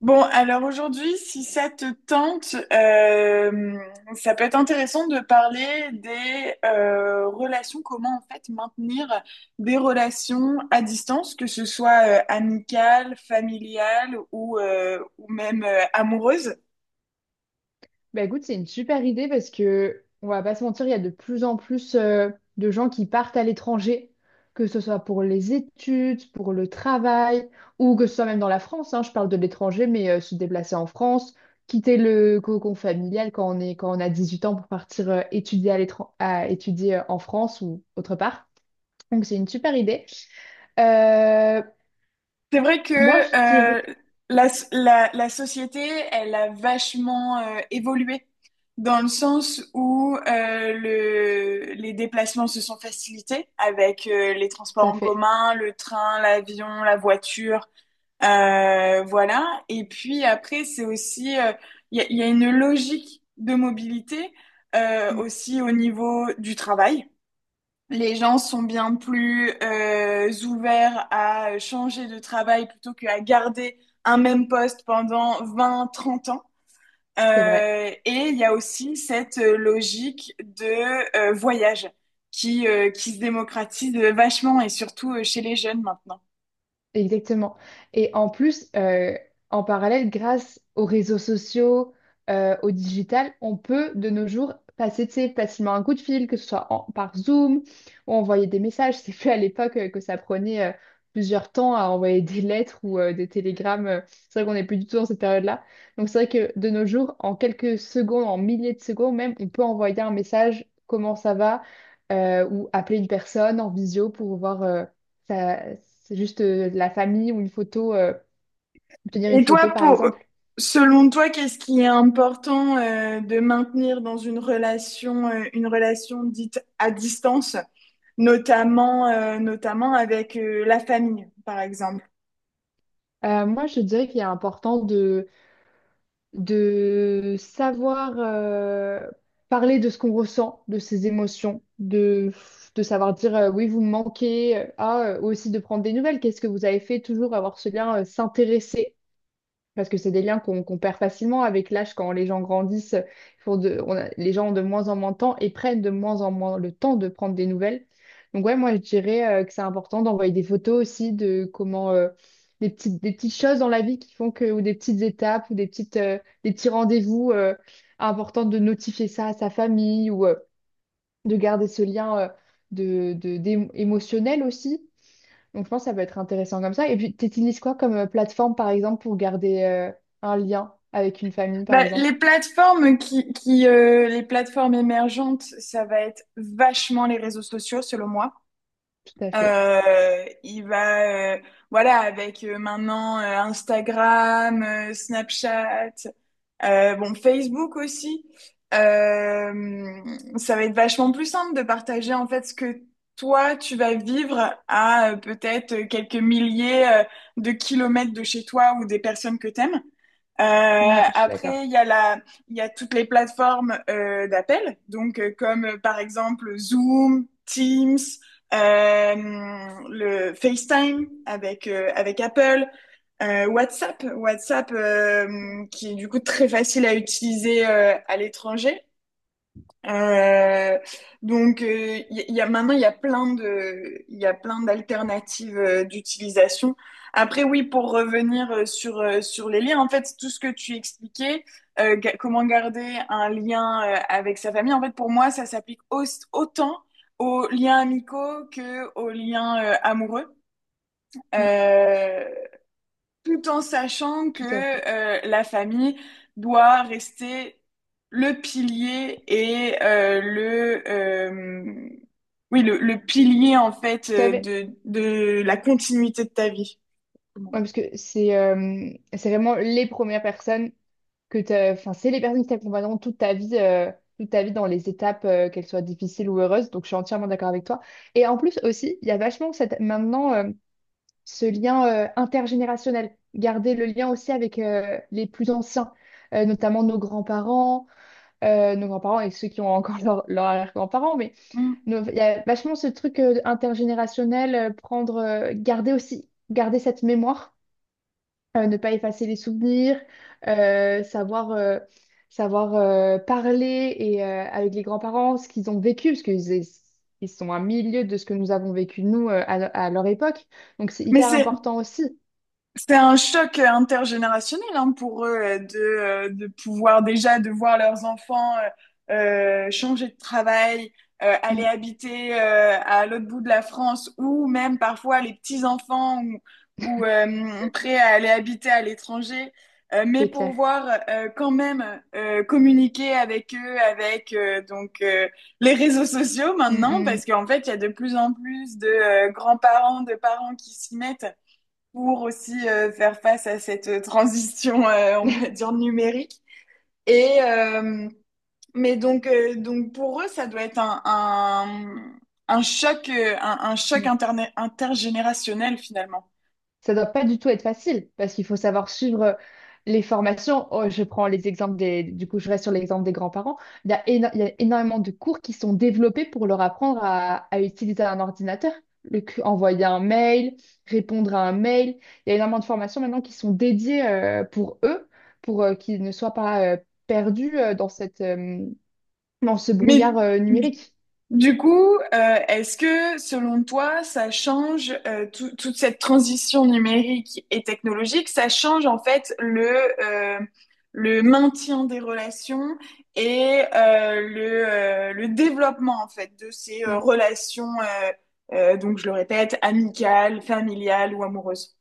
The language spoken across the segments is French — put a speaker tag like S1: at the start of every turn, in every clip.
S1: Bon, alors aujourd'hui, si ça te tente, ça peut être intéressant de parler des relations, comment en fait maintenir des relations à distance, que ce soit amicales, familiales ou même amoureuses.
S2: Bah écoute, c'est une super idée parce que on va pas se mentir, il y a de plus en plus de gens qui partent à l'étranger, que ce soit pour les études, pour le travail, ou que ce soit même dans la France, hein, je parle de l'étranger, mais se déplacer en France, quitter le cocon familial quand on a 18 ans pour partir étudier à étudier en France ou autre part. Donc c'est une super idée. Euh,
S1: C'est vrai que
S2: Moi, je dirais.
S1: la, la société, elle a vachement évolué dans le sens où les déplacements se sont facilités avec les
S2: Tout
S1: transports
S2: à
S1: en
S2: fait.
S1: commun, le train, l'avion, la voiture, voilà. Et puis après, c'est aussi, il y a une logique de mobilité
S2: Mm.
S1: aussi au niveau du travail. Les gens sont bien plus ouverts à changer de travail plutôt qu'à garder un même poste pendant 20, 30 ans.
S2: C'est vrai.
S1: Et il y a aussi cette logique de voyage qui se démocratise vachement et surtout chez les jeunes maintenant.
S2: Exactement. Et en plus, en parallèle, grâce aux réseaux sociaux, au digital, on peut de nos jours passer, tu sais, facilement un coup de fil, que ce soit par Zoom ou envoyer des messages. C'est plus à l'époque que ça prenait plusieurs temps à envoyer des lettres ou des télégrammes. C'est vrai qu'on n'est plus du tout dans cette période-là. Donc c'est vrai que de nos jours, en quelques secondes, en milliers de secondes même, on peut envoyer un message, comment ça va, ou appeler une personne en visio pour voir. Ça, c'est juste la famille ou une photo, obtenir une
S1: Et
S2: photo
S1: toi,
S2: par
S1: pour,
S2: exemple.
S1: Selon toi, qu'est-ce qui est important de maintenir dans une relation dite à distance? Notamment, notamment avec la famille, par exemple.
S2: Moi, je dirais qu'il est important de savoir parler de ce qu'on ressent, de ses émotions, de savoir dire oui, vous me manquez, ah, ou aussi de prendre des nouvelles, qu'est-ce que vous avez fait, toujours avoir ce lien, s'intéresser. Parce que c'est des liens qu'on perd facilement avec l'âge quand les gens grandissent. Ils font de- on a- Les gens ont de moins en moins de temps et prennent de moins en moins le temps de prendre des nouvelles. Donc ouais, moi je dirais que c'est important d'envoyer des photos aussi de comment des petites choses dans la vie qui font que, ou des petites étapes ou des petits rendez-vous important de notifier ça à sa famille ou de garder ce lien émotionnel aussi. Donc, je pense que ça peut être intéressant comme ça. Et puis, tu utilises quoi comme plateforme, par exemple, pour garder un lien avec une famille, par
S1: Bah,
S2: exemple?
S1: les plateformes émergentes, ça va être vachement les réseaux sociaux, selon moi.
S2: Tout à fait.
S1: Euh, il va, euh, voilà, avec maintenant Instagram, Snapchat, bon, Facebook aussi. Euh, Ça va être vachement plus simple de partager en fait ce que toi tu vas vivre à peut-être quelques milliers de kilomètres de chez toi ou des personnes que t'aimes.
S2: Ouais, je suis d'accord.
S1: Après, il y a la, Il y a toutes les plateformes d'appel, donc comme par exemple Zoom, Teams, euh, le FaceTime avec avec Apple. WhatsApp qui est du coup très facile à utiliser à l'étranger. Euh, donc, il y, y a, Maintenant, il y a plein d'alternatives d'utilisation. Après, oui, pour revenir sur les liens, en fait, tout ce que tu expliquais, comment garder un lien avec sa famille, en fait, pour moi, autant aux liens amicaux que aux liens amoureux.
S2: Mm.
S1: Euh, tout en sachant que
S2: Tout à fait.
S1: la famille doit rester le pilier et le pilier en fait
S2: Tout à fait.
S1: de la continuité de ta vie.
S2: Ouais, parce que c'est vraiment les premières personnes Enfin, c'est les personnes qui t'accompagneront toute ta vie, dans les étapes, qu'elles soient difficiles ou heureuses. Donc, je suis entièrement d'accord avec toi. Et en plus aussi, il y a vachement ce lien intergénérationnel, garder le lien aussi avec les plus anciens, notamment nos grands-parents, et ceux qui ont encore leurs arrière-grands-parents, mais
S1: Mm.
S2: il y a vachement ce truc intergénérationnel, garder aussi, garder cette mémoire, ne pas effacer les souvenirs, euh, savoir... euh, savoir parler avec les grands-parents ce qu'ils ont vécu parce qu'ils ils sont à milieu de ce que nous avons vécu nous à leur époque donc c'est
S1: Mais
S2: hyper
S1: c'est
S2: important aussi.
S1: C'est un choc intergénérationnel hein, pour eux de pouvoir déjà de voir leurs enfants euh, changer de travail, aller
S2: Mm.
S1: habiter à l'autre bout de la France ou même parfois les petits-enfants ou, ou euh, prêts à aller habiter à l'étranger, mais
S2: C'est
S1: pour
S2: clair.
S1: voir quand même communiquer avec eux, avec les réseaux sociaux maintenant,
S2: Mm,
S1: parce qu'en fait, il y a de plus en plus de grands-parents, de parents qui s'y mettent pour aussi faire face à cette transition, on
S2: mm.
S1: va dire, numérique. Et, euh, pour eux, ça doit être un choc, un choc
S2: Mm.
S1: intergénérationnel finalement.
S2: Ça doit pas du tout être facile parce qu'il faut savoir suivre les formations. Oh, je prends les exemples des, du coup, je reste sur l'exemple des grands-parents. Il y a énormément de cours qui sont développés pour leur apprendre à utiliser un ordinateur. Envoyer un mail, répondre à un mail. Il y a énormément de formations maintenant qui sont dédiées pour eux, pour qu'ils ne soient pas perdus dans ce
S1: Mais
S2: brouillard numérique.
S1: Du coup, est-ce que selon toi, ça change toute cette transition numérique et technologique, ça change en fait euh, le maintien des relations et le développement en fait de ces relations, donc je le répète, amicales, familiales ou amoureuses?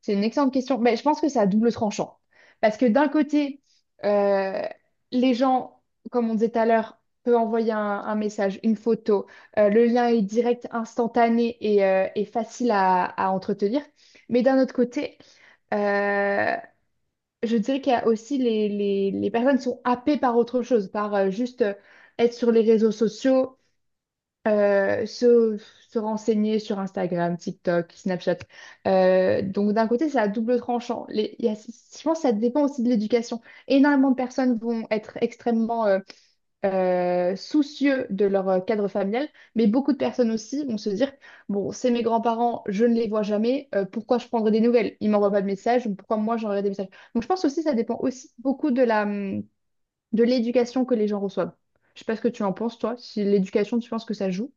S2: C'est une excellente question. Mais je pense que c'est à double tranchant. Parce que d'un côté, euh, les gens, comme on disait tout à l'heure, peuvent envoyer un message, une photo. Le lien est direct, instantané et facile à entretenir. Mais d'un autre côté, euh, je dirais qu'il y a aussi les personnes qui sont happées par autre chose, par juste être sur les réseaux sociaux, euh, se, se renseigner sur Instagram, TikTok, Snapchat. Donc d'un côté, c'est à double tranchant. Je pense que ça dépend aussi de l'éducation. Énormément de personnes vont être extrêmement soucieux de leur cadre familial, mais beaucoup de personnes aussi vont se dire, bon, c'est mes grands-parents, je ne les vois jamais, pourquoi je prendrais des nouvelles? Ils m'envoient pas de messages, donc pourquoi moi j'enverrais des messages? Donc je pense aussi que ça dépend aussi beaucoup de l'éducation que les gens reçoivent. Je sais pas ce que tu en penses, toi, si l'éducation, tu penses que ça joue?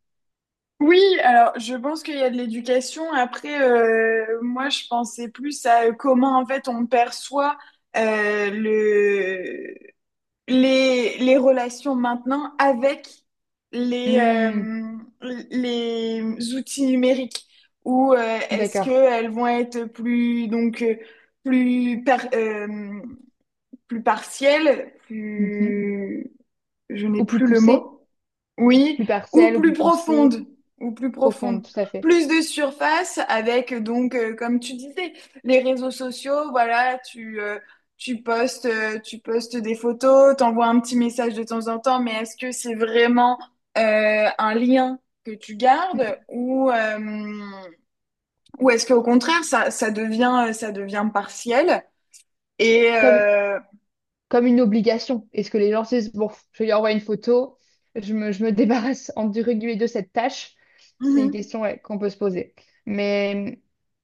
S1: Oui, alors je pense qu'il y a de l'éducation. Après, moi, je pensais plus à comment en fait on perçoit le les relations maintenant avec les,
S2: Hmm,
S1: euh, les outils numériques ou est-ce
S2: d'accord.
S1: qu'elles vont être plus, plus, par- euh, plus partielles,
S2: Mhm.
S1: plus je n'ai
S2: Ou plus
S1: plus le
S2: poussée,
S1: mot. Oui,
S2: plus
S1: ou
S2: partielle, ou
S1: plus
S2: plus poussée,
S1: profonde, ou plus profonde.
S2: profonde, tout à fait.
S1: Plus de surface avec donc, comme tu disais, les réseaux sociaux, voilà, tu postes des photos, t'envoies un petit message de temps en temps, mais est-ce que c'est vraiment un lien que tu gardes
S2: Hmm.
S1: ou est-ce qu'au contraire, ça devient partiel et
S2: Comme comme une obligation. Est-ce que les gens se disent, bon, je lui envoie une photo, je me débarrasse entre guillemets de cette tâche? C'est une
S1: mhm,
S2: question ouais, qu'on peut se poser. Mais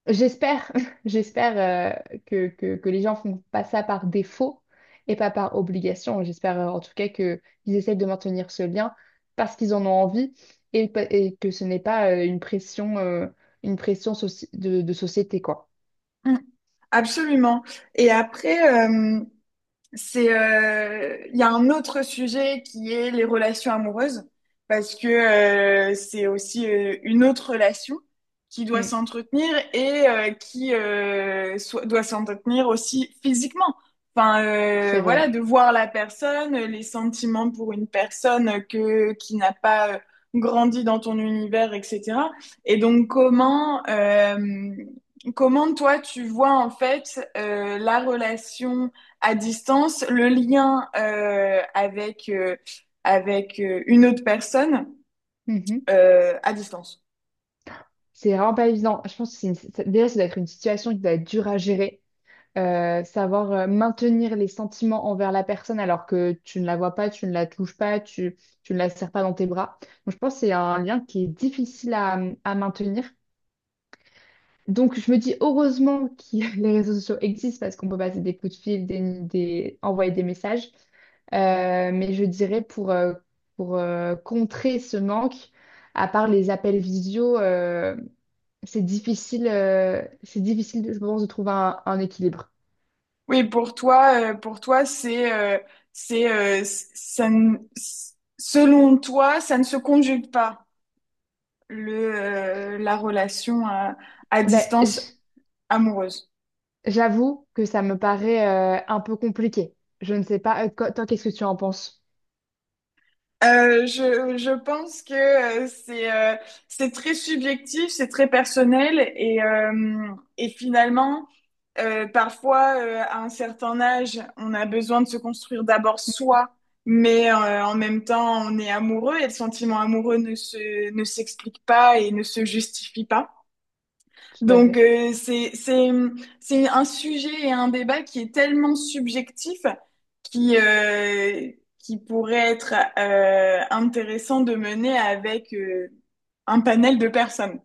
S2: euh, j'espère, j'espère que les gens font pas ça par défaut et pas par obligation. J'espère en tout cas que qu'ils essaient de maintenir ce lien parce qu'ils en ont envie et que ce n'est pas une pression de société, quoi.
S1: mhm, absolument. Et après, il y a un autre sujet qui est les relations amoureuses, parce que c'est aussi une autre relation qui doit
S2: Mm,
S1: s'entretenir et doit s'entretenir aussi physiquement. Enfin,
S2: c'est
S1: voilà,
S2: vrai.
S1: de voir la personne, les sentiments pour une personne qui n'a pas grandi dans ton univers, etc. Et donc, comment toi, tu vois en fait la relation à distance, le lien avec une autre personne
S2: Hmm, hmm.
S1: à distance.
S2: C'est vraiment pas évident. Je pense que déjà, ça doit être une situation qui doit être dure à gérer. Savoir maintenir les sentiments envers la personne alors que tu ne la vois pas, tu ne la touches pas, tu ne la serres pas dans tes bras. Donc, je pense que c'est un lien qui est difficile à maintenir. Donc, je me dis heureusement que les réseaux sociaux existent parce qu'on peut passer des coups de fil, envoyer des messages. Mais je dirais pour contrer ce manque, à part les appels visio. C'est difficile, je pense, de trouver un équilibre.
S1: Pour toi, c'est, c- ça ne- s- selon toi, ça ne se conjugue pas la relation à
S2: Ben,
S1: distance amoureuse.
S2: j'avoue que ça me paraît un peu compliqué. Je ne sais pas. Toi, qu'est-ce que tu en penses?
S1: Je pense que euh, c'est euh, c'est très subjectif, c'est très personnel et finalement, parfois, à un certain âge, on a besoin de se construire d'abord soi, mais en même temps, on est amoureux et le sentiment amoureux ne s'explique pas et ne se justifie pas.
S2: Tout à
S1: Donc,
S2: fait.
S1: c'est un sujet et un débat qui est tellement subjectif qui, euh, qui pourrait être intéressant de mener avec un panel de personnes.